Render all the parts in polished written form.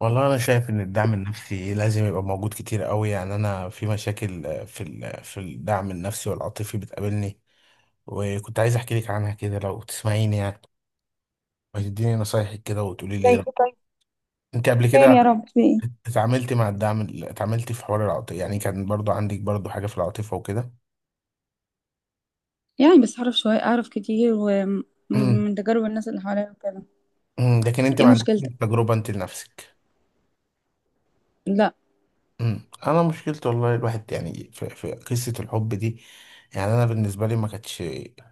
والله انا شايف ان الدعم النفسي لازم يبقى موجود كتير قوي. يعني انا في مشاكل في الدعم النفسي والعاطفي بتقابلني، وكنت عايز احكي لك عنها كده لو تسمعيني يعني، وتديني نصايحك كده وتقولي لي زي إيه ايه رأيك. طيب؟ انت قبل خير كده يا رب، في ايه؟ اتعاملتي مع الدعم ال- اتعاملتي في حوار العاطفه؟ يعني كان برضو عندك برضو حاجة في العاطفة وكده. يعني بس أعرف شوية، أعرف كتير ومن تجارب الناس اللي حواليا وكده. لكن انت إيه ما عندكش مشكلتك؟ تجربة انت لنفسك. لا. انا مشكلتي والله، الواحد يعني في قصه الحب دي، يعني انا بالنسبه لي ما كانتش.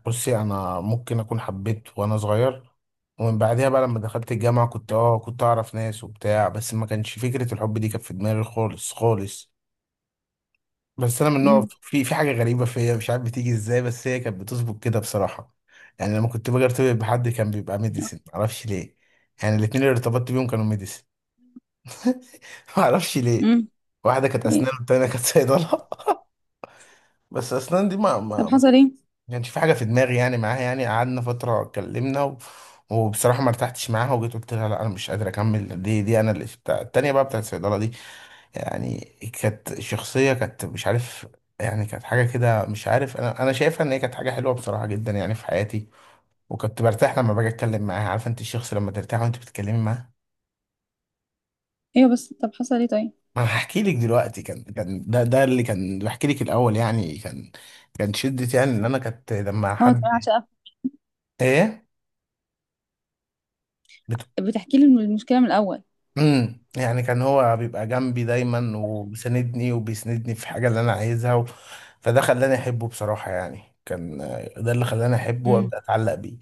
بصي، انا ممكن اكون حبيت وانا صغير، ومن بعدها بقى لما دخلت الجامعه كنت كنت اعرف ناس وبتاع، بس ما كانش فكره الحب دي كانت في دماغي خالص خالص. بس انا من نوع، امم. في حاجه غريبه فيا مش عارف بتيجي ازاي، بس هي كانت بتظبط كده بصراحه. يعني لما كنت باجي ارتبط بحد كان بيبقى ميديسن، معرفش ليه. يعني الاتنين اللي ارتبطت بيهم كانوا ميديسن. معرفش ليه. امم. واحده كانت إيه؟ اسنان والتانيه كانت صيدله. بس اسنان دي ما طب ما ما حصل إيه؟ كانش في حاجه في دماغي يعني معاها، يعني قعدنا فتره اتكلمنا و... وبصراحه ما ارتحتش معاها، وجيت قلت لها لا انا مش قادر اكمل. دي انا اللي بتاع، التانيه بقى بتاعت الصيدله دي يعني، كانت شخصيه، كانت مش عارف يعني، كانت حاجه كده مش عارف. انا شايفها ان هي كانت حاجه حلوه بصراحه جدا يعني في حياتي، وكنت برتاح لما باجي اتكلم معاها. عارفه انت الشخص لما ترتاح وانت بتتكلمي معاه؟ أيوة، بس طب حصل إيه طيب؟ ما انا هحكي لك دلوقتي، كان ده اللي كان بحكي لك الاول يعني، كان كان شدة يعني ان انا كانت لما أه تمام، حد. عشان ايه. بتحكي لي المشكلة من الأول. يعني كان هو بيبقى جنبي دايما، تمام. وبيساندني وبيسندني في الحاجه اللي انا عايزها و... فده خلاني احبه بصراحه، يعني كان، ده اللي خلاني احبه امم. وابدا اتعلق بيه.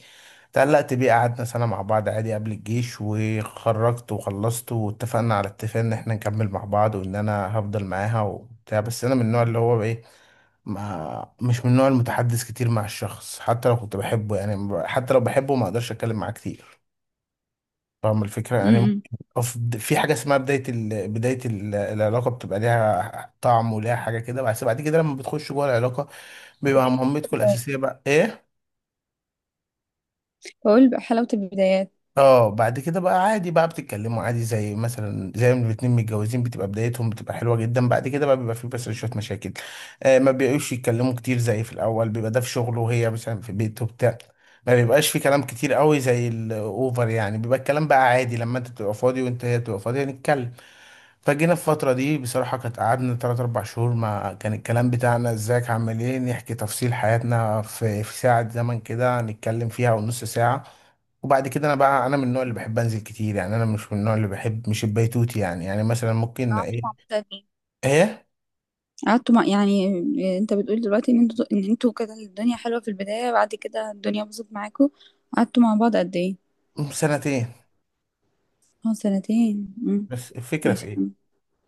اتعلقت بيه، قعدنا سنه مع بعض عادي قبل الجيش، وخرجت وخلصت واتفقنا على اتفاق ان احنا نكمل مع بعض، وان انا هفضل معاها وبتاع. بس انا من النوع اللي هو ايه، ما مش من النوع المتحدث كتير مع الشخص حتى لو كنت بحبه، يعني حتى لو بحبه ما اقدرش اتكلم معاه كتير. فاهم الفكرة؟ يعني امم. ممكن في حاجة اسمها بداية ال... بداية ال... العلاقة بتبقى ليها طعم وليها حاجة كده، بس بعد كده لما بتخش جوه العلاقة بيبقى مهمتكم بداية- الأساسية بقى إيه؟ بقول بقى حلاوة البدايات. اه بعد كده بقى عادي، بقى بتتكلموا عادي زي مثلا زي ما الاتنين متجوزين، بتبقى بدايتهم بتبقى حلوة جدا، بعد كده بقى بيبقى في بس شوية مشاكل. ما بيبقوش يتكلموا كتير زي في الأول، بيبقى ده في شغله وهي مثلا في بيته وبتاع. ما بيبقاش في كلام كتير قوي زي الأوفر، يعني بيبقى الكلام بقى عادي لما أنت تبقى فاضي وأنت هي تبقى فاضية نتكلم. فجينا في الفترة دي بصراحة كانت، قعدنا تلات أربع شهور ما كان الكلام بتاعنا ازيك عامل ايه، نحكي تفصيل حياتنا في ساعة زمن كده نتكلم فيها ونص ساعة. وبعد كده، أنا بقى أنا من النوع اللي بحب أنزل كتير، يعني أنا مش من النوع اللي بحب مش البيتوتي يعني، يعني مثلا ممكن قعدتوا إيه. مع بعض قد إيه؟ إيه. قعدتوا مع يعني. إيه، انت بتقول دلوقتي ان انتوا ان انتوا كده الدنيا حلوة في البداية، بعد كده الدنيا باظت معاكوا. قعدتوا مع بعض قد ايه؟ سنتين. اه سنتين. امم. بس الفكرة في ماشي. إيه؟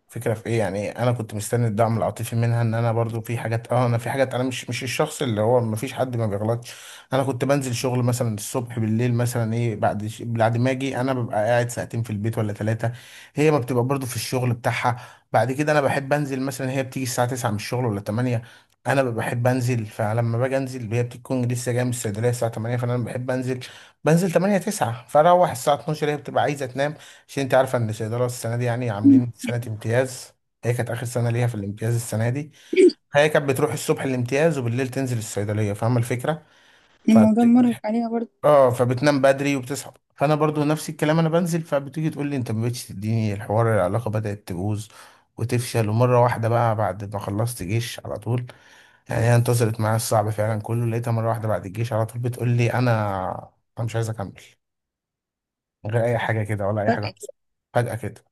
فكرة في ايه، يعني انا كنت مستني الدعم العاطفي منها، ان انا برضو في حاجات انا في حاجات، انا مش الشخص اللي هو ما فيش حد ما بيغلطش. انا كنت بنزل شغل مثلا الصبح بالليل مثلا ايه، بعد بعد ما اجي انا ببقى قاعد ساعتين في البيت ولا ثلاثة. هي ما بتبقى برضو في الشغل بتاعها. بعد كده انا بحب انزل، مثلا هي بتيجي الساعة 9 من الشغل ولا 8. انا ببقى بحب انزل، فلما باجي انزل هي بتكون لسه جايه من الصيدليه الساعه 8، فانا بحب انزل. بنزل 8 9 فاروح الساعه 12 هي بتبقى عايزه تنام. عشان انت عارفه ان الصيدله السنه دي يعني عاملين سنه امتياز، هي كانت اخر سنه ليها في الامتياز السنه دي. هي كانت بتروح الصبح الامتياز، وبالليل تنزل الصيدليه، فاهمه الفكره؟ الموضوع فبت... مرهق عليها برضه. اه فبتنام بدري وبتصحى، فانا برضو نفس الكلام انا بنزل، فبتيجي تقول لي انت ما بقتش تديني الحوار، العلاقه بدات تبوظ وتفشل. ومره واحده بقى بعد ما خلصت جيش على طول، يعني هي انتصرت معايا الصعب فعلا كله، لقيتها مره واحده بعد الجيش على طول بتقول لي انا مش عايز اكمل، من غير اي حاجه كده ولا اي حاجه فجأة حصلت. كده. فجاه كده.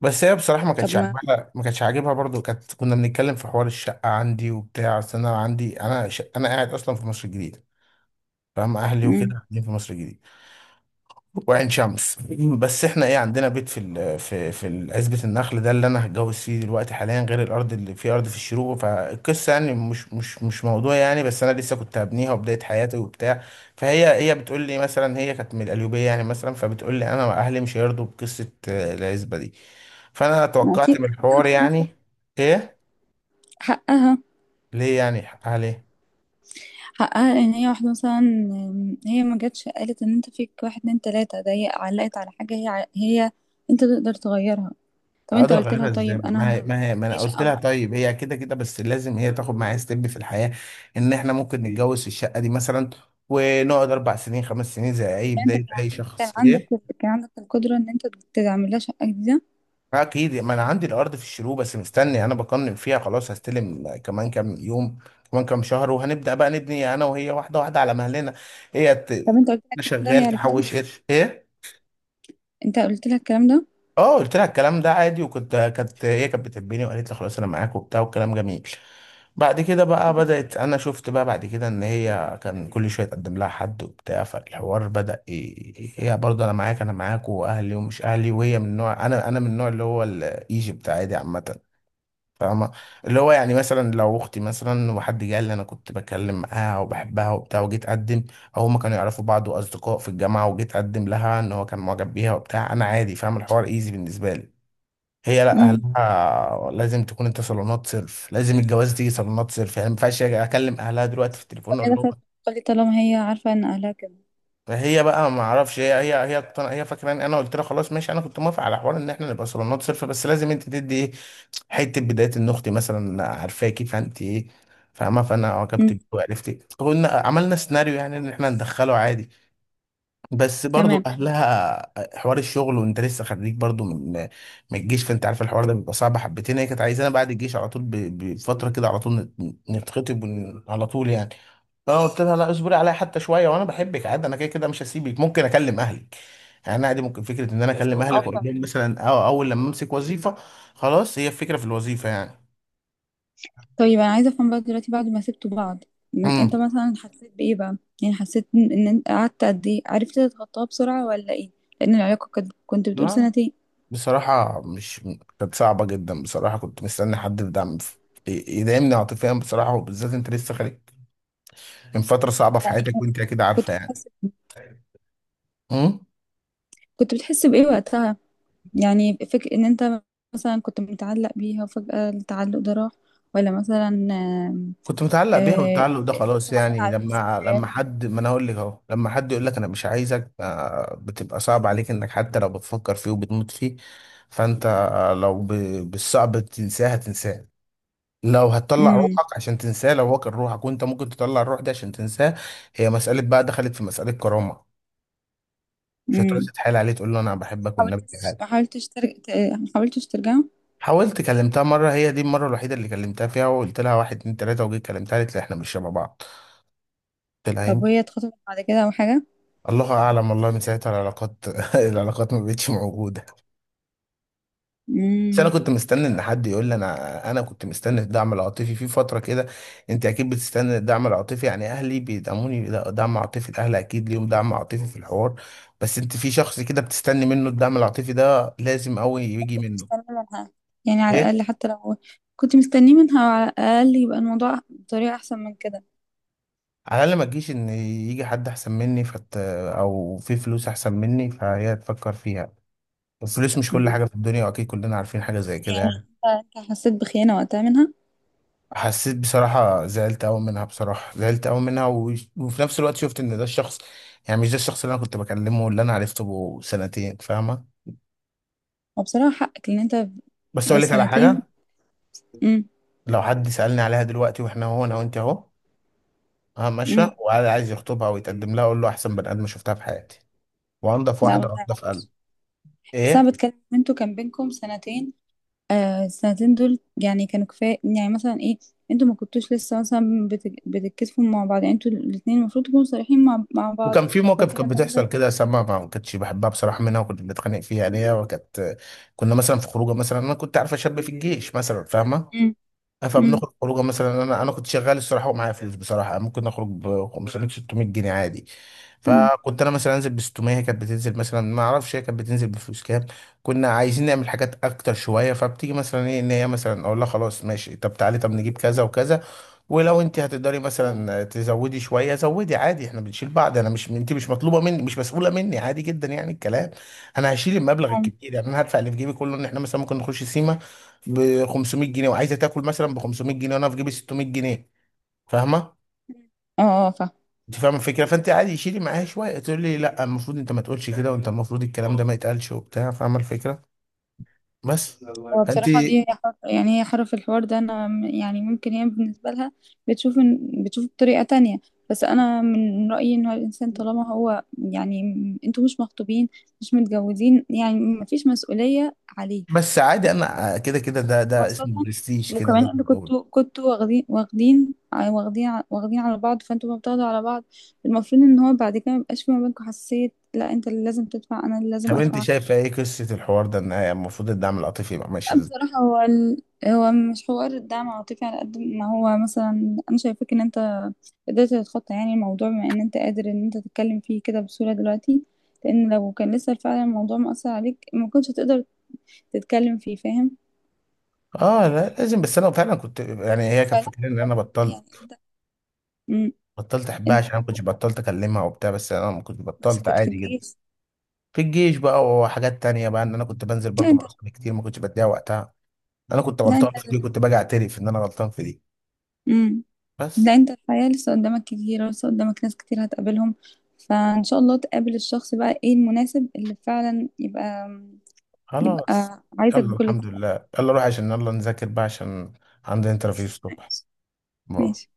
بس هي بصراحة ما طب كانتش ما. عاجبها، ما كانتش عاجبها برضو. كانت كنا بنتكلم في حوار الشقة عندي وبتاع، أصل أنا عندي أنا ش... أنا قاعد أصلا في مصر الجديدة، فاهم؟ أهلي مم. وكده قاعدين في مصر الجديدة وعين شمس. بس احنا ايه عندنا بيت في في عزبة النخل ده اللي انا هتجوز فيه دلوقتي حاليا، غير الارض اللي في ارض في الشروق. فالقصه يعني مش موضوع يعني، بس انا لسه كنت هبنيها وبدايه حياتي وبتاع. فهي بتقول لي مثلا، هي كانت من القليوبيه يعني، مثلا فبتقول لي انا اهلي مش هيرضوا بقصه، العزبه دي. فانا ما توقعت أكيد. من الحوار يعني. ايه. حقها. ليه يعني اهلي؟ حقها ان هي واحدة مثلا، هي ما جاتش قالت ان انت فيك واحد اتنين تلاتة، ده هي علقت على حاجة هي هي انت تقدر تغيرها. طب انت اقدر قلت لها اغيرها ازاي، طيب ما هي انا، ما هي ما دي انا قلت شقة لها طيب هي كده كده، بس لازم هي تاخد معايا ستيب في الحياه، ان احنا ممكن نتجوز في الشقه دي مثلا، ونقعد اربع سنين خمس سنين زي اي فانت بدايه كان اي كان شخص عندك، ايه. كان عندك القدرة ان انت تعمل لها شقة جديدة. اكيد، ما انا عندي الارض في الشروق، بس مستني انا بقنن فيها خلاص هستلم كمان كام يوم، كمان كام شهر وهنبدا بقى نبني انا وهي واحده واحده على مهلنا. هي طب ت... انت قلت لها الكلام ده هي شغال عرفته؟ تحوش قرش ايه. انت قلت لها الكلام ده؟ اه قلت لها الكلام ده عادي، وكنت كانت هي كانت بتحبني، وقالت لي خلاص انا معاك وبتاع، والكلام جميل. بعد كده بقى بدأت، انا شفت بقى بعد كده ان هي كان كل شويه تقدم لها حد وبتاع، فالحوار بدأ هي برضه انا معاك انا معاك، واهلي ومش اهلي، وهي من نوع انا من النوع اللي هو الايجيبت عادي عامه، فاهمة؟ اللي هو يعني مثلا لو أختي مثلا وحد جه قال لي أنا كنت بكلم معاها وبحبها وبتاع وجيت أقدم، أو هما كانوا يعرفوا بعض وأصدقاء في الجامعة وجيت أقدم لها إن هو كان معجب بيها وبتاع، أنا عادي، فاهم؟ الحوار إيزي بالنسبة لي. هي لأ، امم. أهلها لازم تكون أنت صالونات صرف، لازم الجواز دي صالونات صرف، يعني ما ينفعش أجي أكلم أهلها دلوقتي في التليفون طب أقول هي لهم. دخلت قالت طالما هي عارفة ان اهلها كده. فهي بقى ما اعرفش هي هي فاكره ان انا قلت لها خلاص ماشي، انا كنت موافق على حوار ان احنا نبقى صالونات صرف، بس لازم انت تدي حته بدايه ان اختي مثلا عارفاكي فانت ايه، فاهمه؟ فانا عجبت امم. بيه وعرفت، قلنا عملنا سيناريو يعني ان احنا ندخله عادي. بس برضو تمام. اهلها حوار الشغل وانت لسه خريج برضو، من الجيش، فانت عارف الحوار ده بيبقى صعب حبتين. هي كانت عايزانا بعد الجيش على طول بفتره كده على طول نتخطب على طول يعني. فانا قلت لها لا، اصبري عليا حتى شويه وانا بحبك عادي، انا كده كده مش هسيبك، ممكن اكلم اهلك يعني عادي، ممكن فكره ان انا بس اكلم برافو اهلك والله، أوكي. واقول عليك لهم مثلا، اه اول لما امسك وظيفه خلاص، هي الفكره في الوظيفه يعني. طيب انا عايزه افهم بقى دلوقتي بعد ما سبتوا بعض، انت امم مثلا حسيت بايه بقى؟ يعني حسيت ان إن انت قعدت قد ايه، عرفت تتخطاها بسرعه ولا ايه؟ لان العلاقه كانت، كنت بتقول لا، سنتين. بصراحة مش، كانت صعبة جدا بصراحة. كنت مستني حد في دعم يدعمني عاطفيا بصراحة، وبالذات انت لسه خارج من فترة صعبة في يعني حياتك، وانت اكيد كنت عارفة يعني. بتحس، امم كنت بتحس بايه وقتها؟ يعني فكر ان انت مثلا كنت متعلق بيها وفجاه التعلق ده راح، ولا مثلا كنت متعلق بيها، آه، والتعلق ده انت خلاص صعبان يعني. عليك لما الذكريات. حد، ما انا اقول لك اهو، لما حد يقول لك انا مش عايزك، بتبقى صعب عليك انك حتى لو بتفكر فيه وبتموت فيه. فانت لو بالصعب تنساه هتنساه، لو هتطلع امم. روحك عشان تنساه، لو هو كان روحك وانت ممكن تطلع الروح دي عشان تنساه. هي مسألة بقى، دخلت في مسألة كرامة. مش هتروح امم. تتحايل عليه تقول له انا بحبك والنبي حاولتش؟ تعالى. ما حاولتش ترجع؟ ما حاولتش ترجع؟ حاولت، كلمتها مرة، هي دي المرة الوحيدة اللي كلمتها فيها، وقلت لها واحد اتنين تلاتة، وجيت كلمتها قالت لي احنا مش شبه بعض. قلت لها طب يمكن. وهي اتخطبت بعد كده او حاجه؟ الله اعلم والله، من ساعتها العلاقات العلاقات ما بقتش موجودة. بس انا امم. كنت مستني ان حد يقول لي انا، انا كنت مستني الدعم العاطفي في فتره كده. انت اكيد بتستني الدعم العاطفي، يعني اهلي بيدعموني لا، دعم عاطفي الاهل اكيد ليهم دعم عاطفي في الحوار، بس انت في شخص كده بتستني منه الدعم العاطفي ده لازم قوي يجي كنت منه. مستنية منها يعني على ايه. الأقل، حتى لو كنت مستنية منها على الأقل يبقى الموضوع بطريقة أحسن من كده. على الاقل ما تجيش ان يجي حد احسن مني فت... او في فلوس احسن مني فهي تفكر فيها. الفلوس مش كل مم. حاجه في الدنيا، واكيد كلنا عارفين حاجه زي كده يعني يعني. أنت، أنت حسيت بخيانة وقتها منها. حسيت بصراحة، زعلت أوي منها بصراحة، زعلت أوي منها و... وفي نفس الوقت شفت إن ده الشخص، يعني مش ده الشخص اللي أنا كنت بكلمه واللي أنا عرفته بقى سنتين، فاهمة؟ وبصراحة حقك لأن أنت بس أقول لك على سنتين. حاجة، امم. لو حد سألني عليها دلوقتي وإحنا هو أنا وأنت أهو، أنا امم. ماشية وقاعد عايز يخطبها ويتقدم لها، أقول له أحسن بني آدم شفتها في حياتي، وأنضف لا واحدة والله وأنضف عليك. قلب. بس أنا إيه. بتكلم إن أنتوا كان بينكم سنتين. آه السنتين دول يعني كانوا كفاية يعني مثلا إيه؟ أنتوا ما كنتوش لسه مثلا بتتكسفوا مع بعض؟ يعني أنتوا الاتنين المفروض تكونوا صريحين مع بعض. وكان في لو موقف، في كانت حاجة بتحصل مثلا. كده سما ما كنتش بحبها بصراحة منها، وكنت بنتخانق فيها يعني هي وكانت. كنا مثلا في خروجه مثلا، أنا كنت عارفة شاب في الجيش مثلا، فاهمة؟ امم. امم. فبنخرج خروجه مثلا، انا كنت شغال الصراحه ومعايا فلوس بصراحه، ممكن اخرج ب 500 600 جنيه عادي. امم. فكنت انا مثلا انزل ب 600، هي كانت بتنزل مثلا ما اعرفش هي كانت بتنزل بفلوس كام. كنا عايزين نعمل حاجات اكتر شويه، فبتيجي مثلا ايه ان هي مثلا اقول لها خلاص ماشي، طب تعالي طب نجيب كذا وكذا، ولو انت هتقدري مثلا تزودي شويه زودي عادي، احنا بنشيل بعض، انا مش انت مش مطلوبه مني، مش مسؤوله مني، عادي جدا يعني الكلام. انا هشيل المبلغ اه. الكبير يعني، انا هدفع اللي في جيبي كله ان احنا مثلا ممكن نخش سيما ب 500 جنيه، وعايزه تاكل مثلا ب 500 جنيه، وانا في جيبي 600 جنيه، فاهمه؟ اه. انت فاهمه الفكره، فانت عادي شيلي معايا شويه، تقول لي لا المفروض انت ما تقولش كده، وانت المفروض الكلام ده ما يتقالش وبتاع، فاهمه الفكره؟ بس. هو فانت بصراحة دي هي حر، يعني هي حر في الحوار ده. أنا يعني ممكن هي بالنسبة لها بتشوف بتشوف بطريقة تانية. بس أنا من رأيي إن هو الإنسان طالما هو يعني أنتوا مش مخطوبين، مش متجوزين، يعني مفيش مسؤولية عليك. بس عادي انا كده كده، ده خاصة اسمه برستيج كده وكمان ده. أنتوا كنتوا واخدين، واخدين على بعض، فأنتوا ما بتاخدوا على بعض. المفروض إن هو بعد كده ميبقاش في ما بينكم حساسية. لا أنت اللي لازم تدفع، أنا اللي لازم طب انت أدفع. شايفه ايه قصه الحوار ده، ان هي المفروض الدعم العاطفي يبقى ماشي لا، ازاي؟ بصراحة هو مش حوار الدعم العاطفي على قد ما هو مثلا أنا شايفاك إن أنت قدرت تتخطى يعني الموضوع، بما إن أنت قادر إن أنت تتكلم فيه كده بسهولة دلوقتي. لأن لو كان لسه فعلا الموضوع مأثر عليك ما كنتش هتقدر تتكلم فيه، فاهم؟ اه لا لازم، بس انا فعلا كنت يعني هي كانت فلا، فاكره ان انا يعني بطلت، أنت أمم، بطلت احبها، عشان انا ما كنتش أنتوا بطلت اكلمها وبتاع، بس انا ما كنت بس بطلت كنت في عادي جدا. الجيش. في الجيش بقى، وحاجات تانية بقى، ان انا كنت بنزل لا برضو أنت. مع اصحابي كتير، ما كنتش بديها وقتها. انا كنت لا أنت. غلطان في دي، كنت باجي اعترف ان انا غلطان في دي. أمم، بس لا أنت الحياة لسه قدامك كتير، لسه قدامك ناس كتير هتقابلهم، فإن شاء الله تقابل الشخص بقى إيه المناسب اللي فعلا يبقى، خلاص. يبقى عايزك يلا بكل الحمد الطرق. لله، يلا روح، عشان يلا نذاكر بقى عشان عندي انترفيو الصبح. ماشي. باي. ماشي.